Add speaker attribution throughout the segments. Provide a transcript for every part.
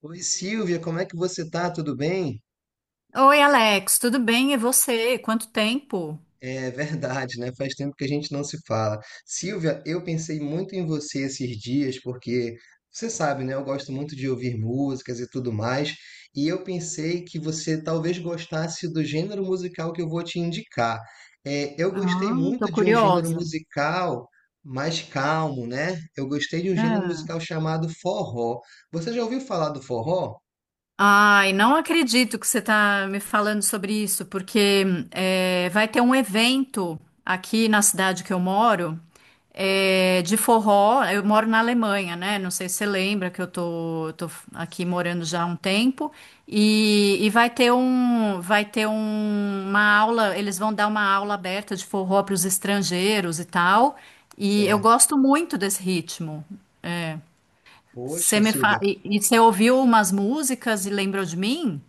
Speaker 1: Oi, Silvia, como é que você tá? Tudo bem?
Speaker 2: Oi, Alex, tudo bem? E você? Quanto tempo?
Speaker 1: É verdade, né? Faz tempo que a gente não se fala. Silvia, eu pensei muito em você esses dias, porque você sabe, né? Eu gosto muito de ouvir músicas e tudo mais, e eu pensei que você talvez gostasse do gênero musical que eu vou te indicar. É, eu gostei
Speaker 2: Ah, tô
Speaker 1: muito de um gênero
Speaker 2: curiosa.
Speaker 1: musical mais calmo, né? Eu gostei de um gênero musical
Speaker 2: É.
Speaker 1: chamado forró. Você já ouviu falar do forró?
Speaker 2: Ai, não acredito que você está me falando sobre isso, porque vai ter um evento aqui na cidade que eu moro, é, de forró. Eu moro na Alemanha, né? Não sei se você lembra que eu tô aqui morando já há um tempo. E vai ter um, uma aula. Eles vão dar uma aula aberta de forró para os estrangeiros e tal. E eu
Speaker 1: Certo.
Speaker 2: gosto muito desse ritmo. É.
Speaker 1: Poxa, Silvia.
Speaker 2: E você ouviu umas músicas e lembrou de mim?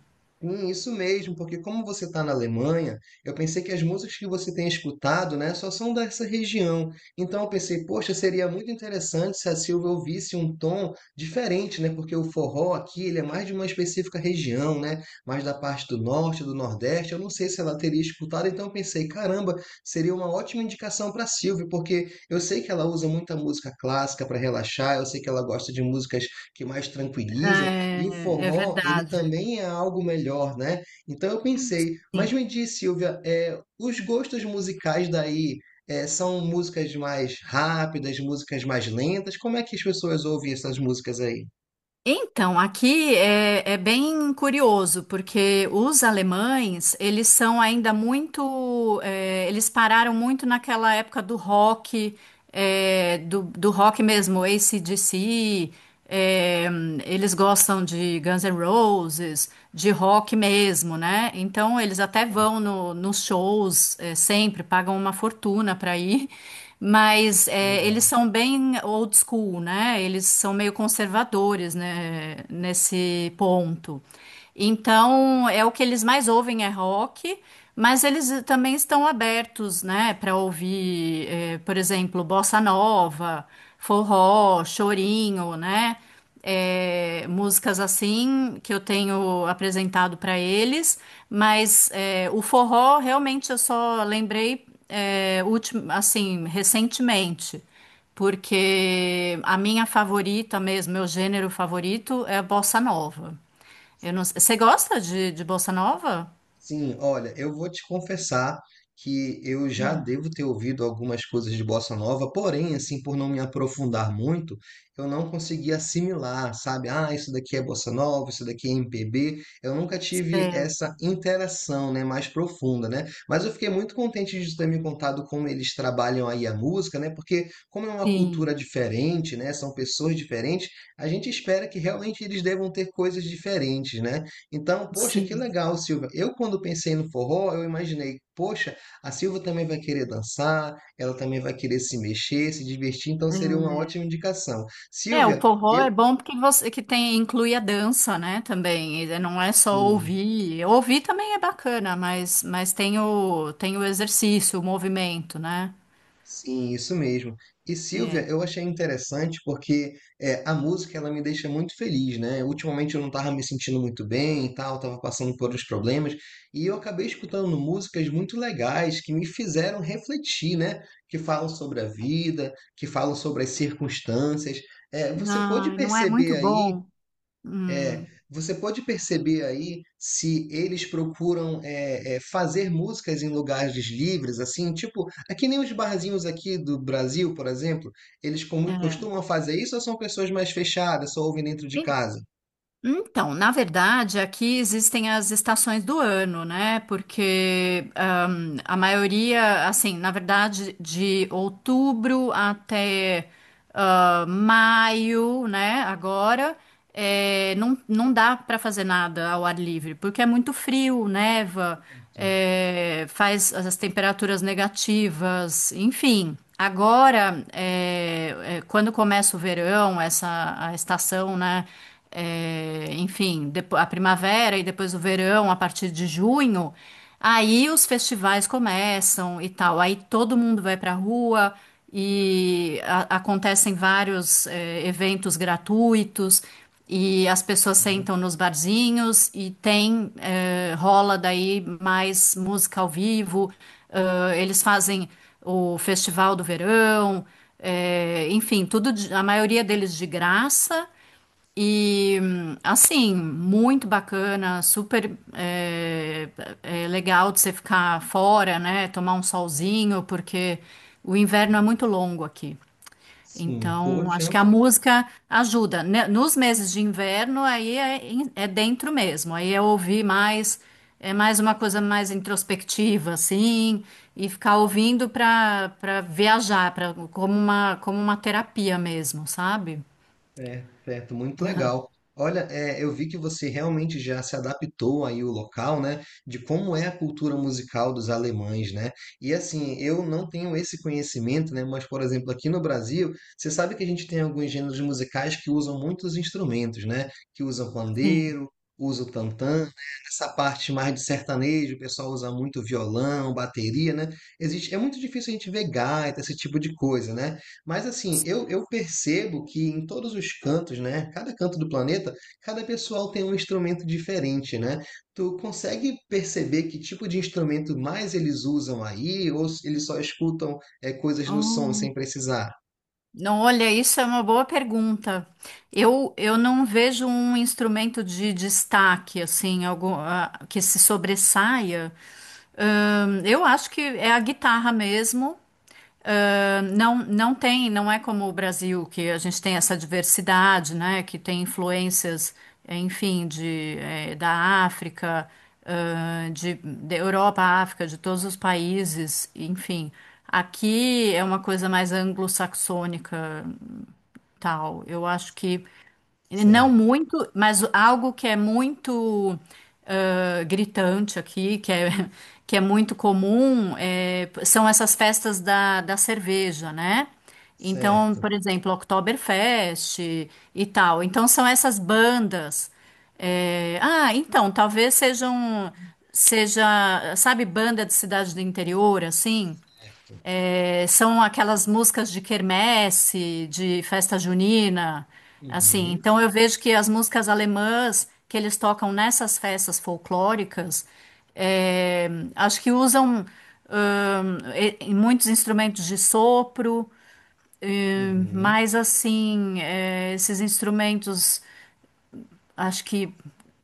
Speaker 1: Sim, isso mesmo, porque como você está na Alemanha, eu pensei que as músicas que você tem escutado, né, só são dessa região. Então eu pensei, poxa, seria muito interessante se a Silvia ouvisse um tom diferente, né? Porque o forró aqui, ele é mais de uma específica região, né? Mais da parte do norte, do nordeste. Eu não sei se ela teria escutado, então eu pensei, caramba, seria uma ótima indicação para a Silvia, porque eu sei que ela usa muita música clássica para relaxar, eu sei que ela gosta de músicas que mais tranquilizam e o
Speaker 2: É, é
Speaker 1: forró, ele
Speaker 2: verdade.
Speaker 1: também é algo melhor, né? Então eu pensei, mas
Speaker 2: Sim.
Speaker 1: me diz, Silvia, é, os gostos musicais daí é, são músicas mais rápidas, músicas mais lentas? Como é que as pessoas ouvem essas músicas aí?
Speaker 2: Então, aqui é bem curioso, porque os alemães, eles são ainda muito, eles pararam muito naquela época do rock, do rock mesmo, AC/DC, eh, eles gostam de Guns N' Roses, de rock mesmo, né? Então, eles até
Speaker 1: É,
Speaker 2: vão nos shows, sempre, pagam uma fortuna para ir, mas é,
Speaker 1: legal.
Speaker 2: eles são bem old school, né? Eles são meio conservadores, né? Nesse ponto. Então, é o que eles mais ouvem é rock, mas eles também estão abertos, né? Para ouvir, é, por exemplo, bossa nova, forró, chorinho, né? É, músicas assim que eu tenho apresentado para eles, mas é, o forró realmente eu só lembrei é, assim recentemente, porque a minha favorita mesmo, meu gênero favorito é a bossa nova. Eu não, você gosta de bossa nova?
Speaker 1: Sim, olha, eu vou te confessar que eu já
Speaker 2: Hum,
Speaker 1: devo ter ouvido algumas coisas de bossa nova, porém, assim, por não me aprofundar muito, eu não consegui assimilar, sabe? Ah, isso daqui é bossa nova, isso daqui é MPB. Eu nunca tive essa
Speaker 2: certo.
Speaker 1: interação, né, mais profunda, né? Mas eu fiquei muito contente de ter me contado como eles trabalham aí a música, né? Porque como é uma
Speaker 2: Sim,
Speaker 1: cultura diferente, né, são pessoas diferentes, a gente espera que realmente eles devam ter coisas diferentes, né? Então, poxa, que
Speaker 2: sim.
Speaker 1: legal, Silvia. Eu, quando pensei no forró, eu imaginei, poxa, a Silvia também vai querer dançar, ela também vai querer se mexer, se divertir, então seria uma ótima indicação.
Speaker 2: É, o
Speaker 1: Silvia,
Speaker 2: forró
Speaker 1: eu.
Speaker 2: é bom porque você que tem inclui a dança, né, também. E é, não é só
Speaker 1: Sim.
Speaker 2: ouvir. Ouvir também é bacana, mas, tem o exercício, o movimento, né?
Speaker 1: Sim, isso mesmo. E Silvia,
Speaker 2: É.
Speaker 1: eu achei interessante porque é, a música ela me deixa muito feliz, né? Ultimamente eu não estava me sentindo muito bem e tal, estava passando por uns problemas, e eu acabei escutando músicas muito legais que me fizeram refletir, né? Que falam sobre a vida, que falam sobre as circunstâncias. É, você pode
Speaker 2: Não, não é
Speaker 1: perceber
Speaker 2: muito
Speaker 1: aí
Speaker 2: bom. Hum,
Speaker 1: se eles procuram fazer músicas em lugares livres, assim, tipo, é que nem os barzinhos aqui do Brasil, por exemplo, eles
Speaker 2: é.
Speaker 1: costumam fazer isso ou são pessoas mais fechadas, só ouvem dentro de casa?
Speaker 2: Então, na verdade, aqui existem as estações do ano, né? Porque a maioria, assim, na verdade, de outubro até ah, maio, né? Agora, é, não, não dá para fazer nada ao ar livre, porque é muito frio, neva, é, faz as temperaturas negativas, enfim. Agora, quando começa o verão, essa a estação, né? É, enfim, a primavera e depois o verão, a partir de junho, aí os festivais começam e tal. Aí todo mundo vai pra rua e acontecem vários, é, eventos gratuitos. E as pessoas sentam nos barzinhos e tem, é, rola daí mais música ao vivo. Eles fazem o Festival do Verão, é, enfim, a maioria deles de graça. E assim, muito bacana, super é, é legal de você ficar fora, né? Tomar um solzinho, porque o inverno é muito longo aqui.
Speaker 1: Sim,
Speaker 2: Então, acho
Speaker 1: poxa.
Speaker 2: que a música ajuda, né? Nos meses de inverno, é dentro mesmo. Aí é ouvir mais, é mais uma coisa mais introspectiva, assim, e ficar ouvindo para viajar, para como uma terapia mesmo, sabe?
Speaker 1: É, certo, muito legal. Olha, é, eu vi que você realmente já se adaptou aí o local, né? De como é a cultura musical dos alemães, né? E assim, eu não tenho esse conhecimento, né? Mas, por exemplo, aqui no Brasil, você sabe que a gente tem alguns gêneros musicais que usam muitos instrumentos, né? Que usam
Speaker 2: Sim.
Speaker 1: pandeiro, usa o tantã, né? Essa parte mais de sertanejo, o pessoal usa muito violão, bateria, né? Existe, é muito difícil a gente ver gaita, esse tipo de coisa, né? Mas assim, eu percebo que em todos os cantos, né? Cada canto do planeta, cada pessoal tem um instrumento diferente, né? Tu consegue perceber que tipo de instrumento mais eles usam aí, ou se eles só escutam é, coisas no som sem
Speaker 2: Oh.
Speaker 1: precisar?
Speaker 2: Não, olha, isso é uma boa pergunta. Eu não vejo um instrumento de destaque, assim, algum, ah, que se sobressaia. Eu acho que é a guitarra mesmo. Ah, não, não tem, não é como o Brasil, que a gente tem essa diversidade, né? Que tem influências, enfim, da África, ah, da Europa, África, de todos os países, enfim. Aqui é uma coisa mais anglo-saxônica, tal. Eu acho que não
Speaker 1: Certo,
Speaker 2: muito, mas algo que é muito ah, gritante aqui, que é muito comum, é, são essas festas da cerveja, né? Então,
Speaker 1: certo,
Speaker 2: por exemplo, Oktoberfest e tal. Então, são essas bandas. É, ah, então, seja, sabe, banda de cidade do interior, assim?
Speaker 1: certo.
Speaker 2: É, são aquelas músicas de quermesse, de festa junina, assim.
Speaker 1: Uhum,
Speaker 2: Então eu vejo que as músicas alemãs que eles tocam nessas festas folclóricas, é, acho que usam e muitos instrumentos de sopro,
Speaker 1: uhum,
Speaker 2: mas assim, é, esses instrumentos acho que,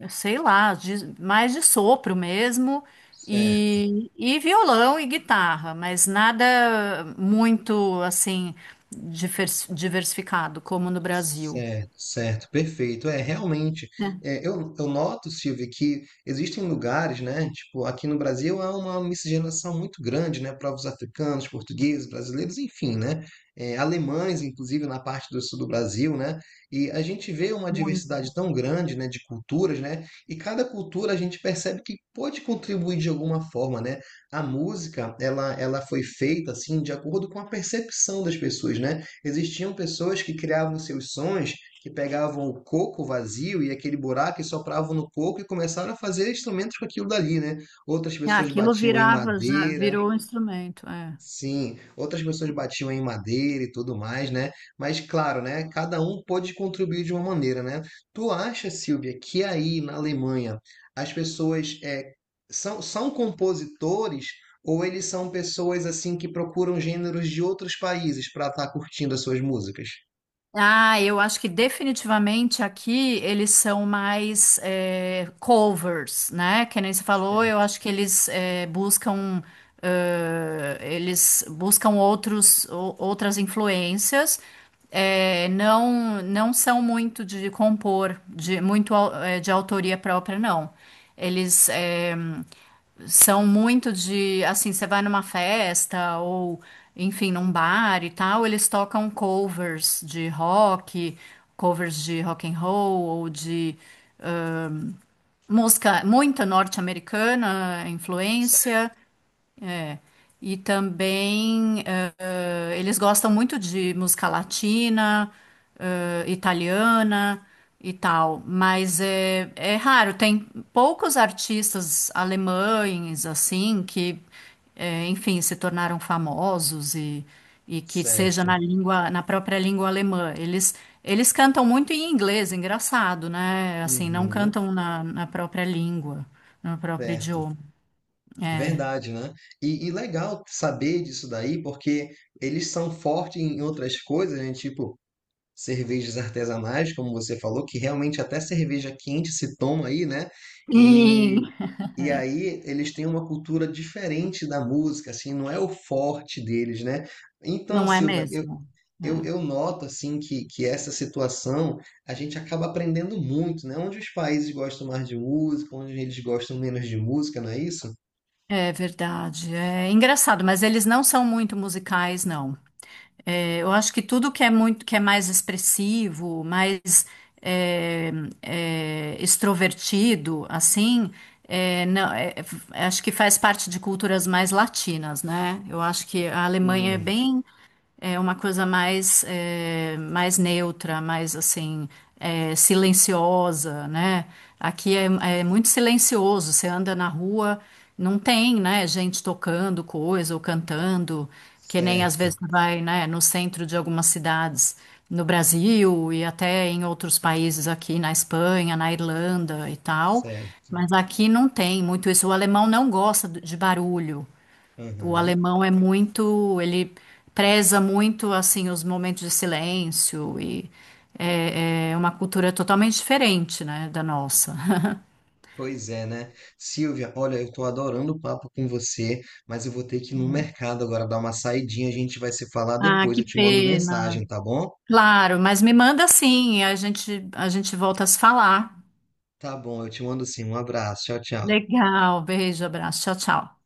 Speaker 2: sei lá, mais de sopro mesmo,
Speaker 1: certo.
Speaker 2: e violão e guitarra, mas nada muito assim diversificado como no Brasil.
Speaker 1: Certo, certo, perfeito. É, realmente, é, eu noto, Silvia, que existem lugares, né? Tipo, aqui no Brasil há uma miscigenação muito grande, né? Povos africanos, portugueses, brasileiros, enfim, né? É, alemães, inclusive, na parte do sul do Brasil, né? E a gente vê uma
Speaker 2: Muito.
Speaker 1: diversidade tão grande, né? De culturas, né? E cada cultura a gente percebe que pode contribuir de alguma forma, né? A música, ela foi feita, assim, de acordo com a percepção das pessoas, né? Existiam pessoas que criavam seus sons, que pegavam o coco vazio e aquele buraco e sopravam no coco e começaram a fazer instrumentos com aquilo dali, né? Outras
Speaker 2: Ah,
Speaker 1: pessoas
Speaker 2: aquilo
Speaker 1: batiam em
Speaker 2: virava, já
Speaker 1: madeira.
Speaker 2: virou um instrumento. É.
Speaker 1: Sim, outras pessoas batiam em madeira e tudo mais, né? Mas claro, né? Cada um pôde contribuir de uma maneira, né? Tu acha, Silvia, que aí na Alemanha as pessoas é, são compositores ou eles são pessoas assim que procuram gêneros de outros países para estar curtindo as suas músicas?
Speaker 2: Ah, eu acho que definitivamente aqui eles são mais covers, né? Que nem você falou, eu
Speaker 1: Certo,
Speaker 2: acho que eles buscam outras influências, não não são muito de compor, de autoria própria, não. Eles são muito de, assim, você vai numa festa ou, enfim, num bar e tal, eles tocam covers de rock and roll ou de música muito norte-americana, influência. E também eles gostam muito de música latina, italiana e tal, mas é, é raro, tem poucos artistas alemães assim que, enfim, se tornaram famosos e que seja na
Speaker 1: certo.
Speaker 2: língua, na própria língua alemã. Eles cantam muito em inglês, engraçado, né? Assim, não
Speaker 1: Uhum,
Speaker 2: cantam na própria língua, no próprio
Speaker 1: certo.
Speaker 2: idioma. É.
Speaker 1: Verdade, né? E legal saber disso daí, porque eles são fortes em outras coisas, né? Tipo, cervejas artesanais, como você falou, que realmente até cerveja quente se toma aí, né? E,
Speaker 2: Sim.
Speaker 1: e aí eles têm uma cultura diferente da música, assim, não é o forte deles, né? Então,
Speaker 2: Não é
Speaker 1: Silva, eu,
Speaker 2: mesmo?
Speaker 1: Eu,
Speaker 2: É,
Speaker 1: eu noto assim que essa situação a gente acaba aprendendo muito, né? Onde os países gostam mais de música, onde eles gostam menos de música, não é isso?
Speaker 2: é verdade. É engraçado, mas eles não são muito musicais, não. É, eu acho que tudo que é muito, que é mais expressivo, mais é, extrovertido, assim, é, não- é, acho que faz parte de culturas mais latinas, né? Eu acho que a Alemanha é
Speaker 1: Hum,
Speaker 2: bem. É uma coisa mais, mais neutra, mais assim, silenciosa, né? Aqui é, é muito silencioso, você anda na rua, não tem, né, gente tocando coisa ou cantando, que nem às
Speaker 1: certo,
Speaker 2: vezes você vai, né, no centro de algumas cidades no Brasil e até em outros países aqui na Espanha, na Irlanda e tal.
Speaker 1: certo.
Speaker 2: Mas aqui não tem muito isso. O alemão não gosta de barulho. O
Speaker 1: Aham.
Speaker 2: alemão é muito, ele preza muito assim os momentos de silêncio e é, é uma cultura totalmente diferente, né, da nossa.
Speaker 1: Pois é, né? Silvia, olha, eu tô adorando o papo com você, mas eu vou ter que ir no mercado agora dar uma saidinha, a gente vai se falar
Speaker 2: Ah,
Speaker 1: depois,
Speaker 2: que
Speaker 1: eu te mando
Speaker 2: pena.
Speaker 1: mensagem, tá bom?
Speaker 2: Claro, mas me manda sim, a gente volta a se falar.
Speaker 1: Tá bom, eu te mando sim. Um abraço, tchau, tchau.
Speaker 2: Legal, beijo, abraço, tchau, tchau.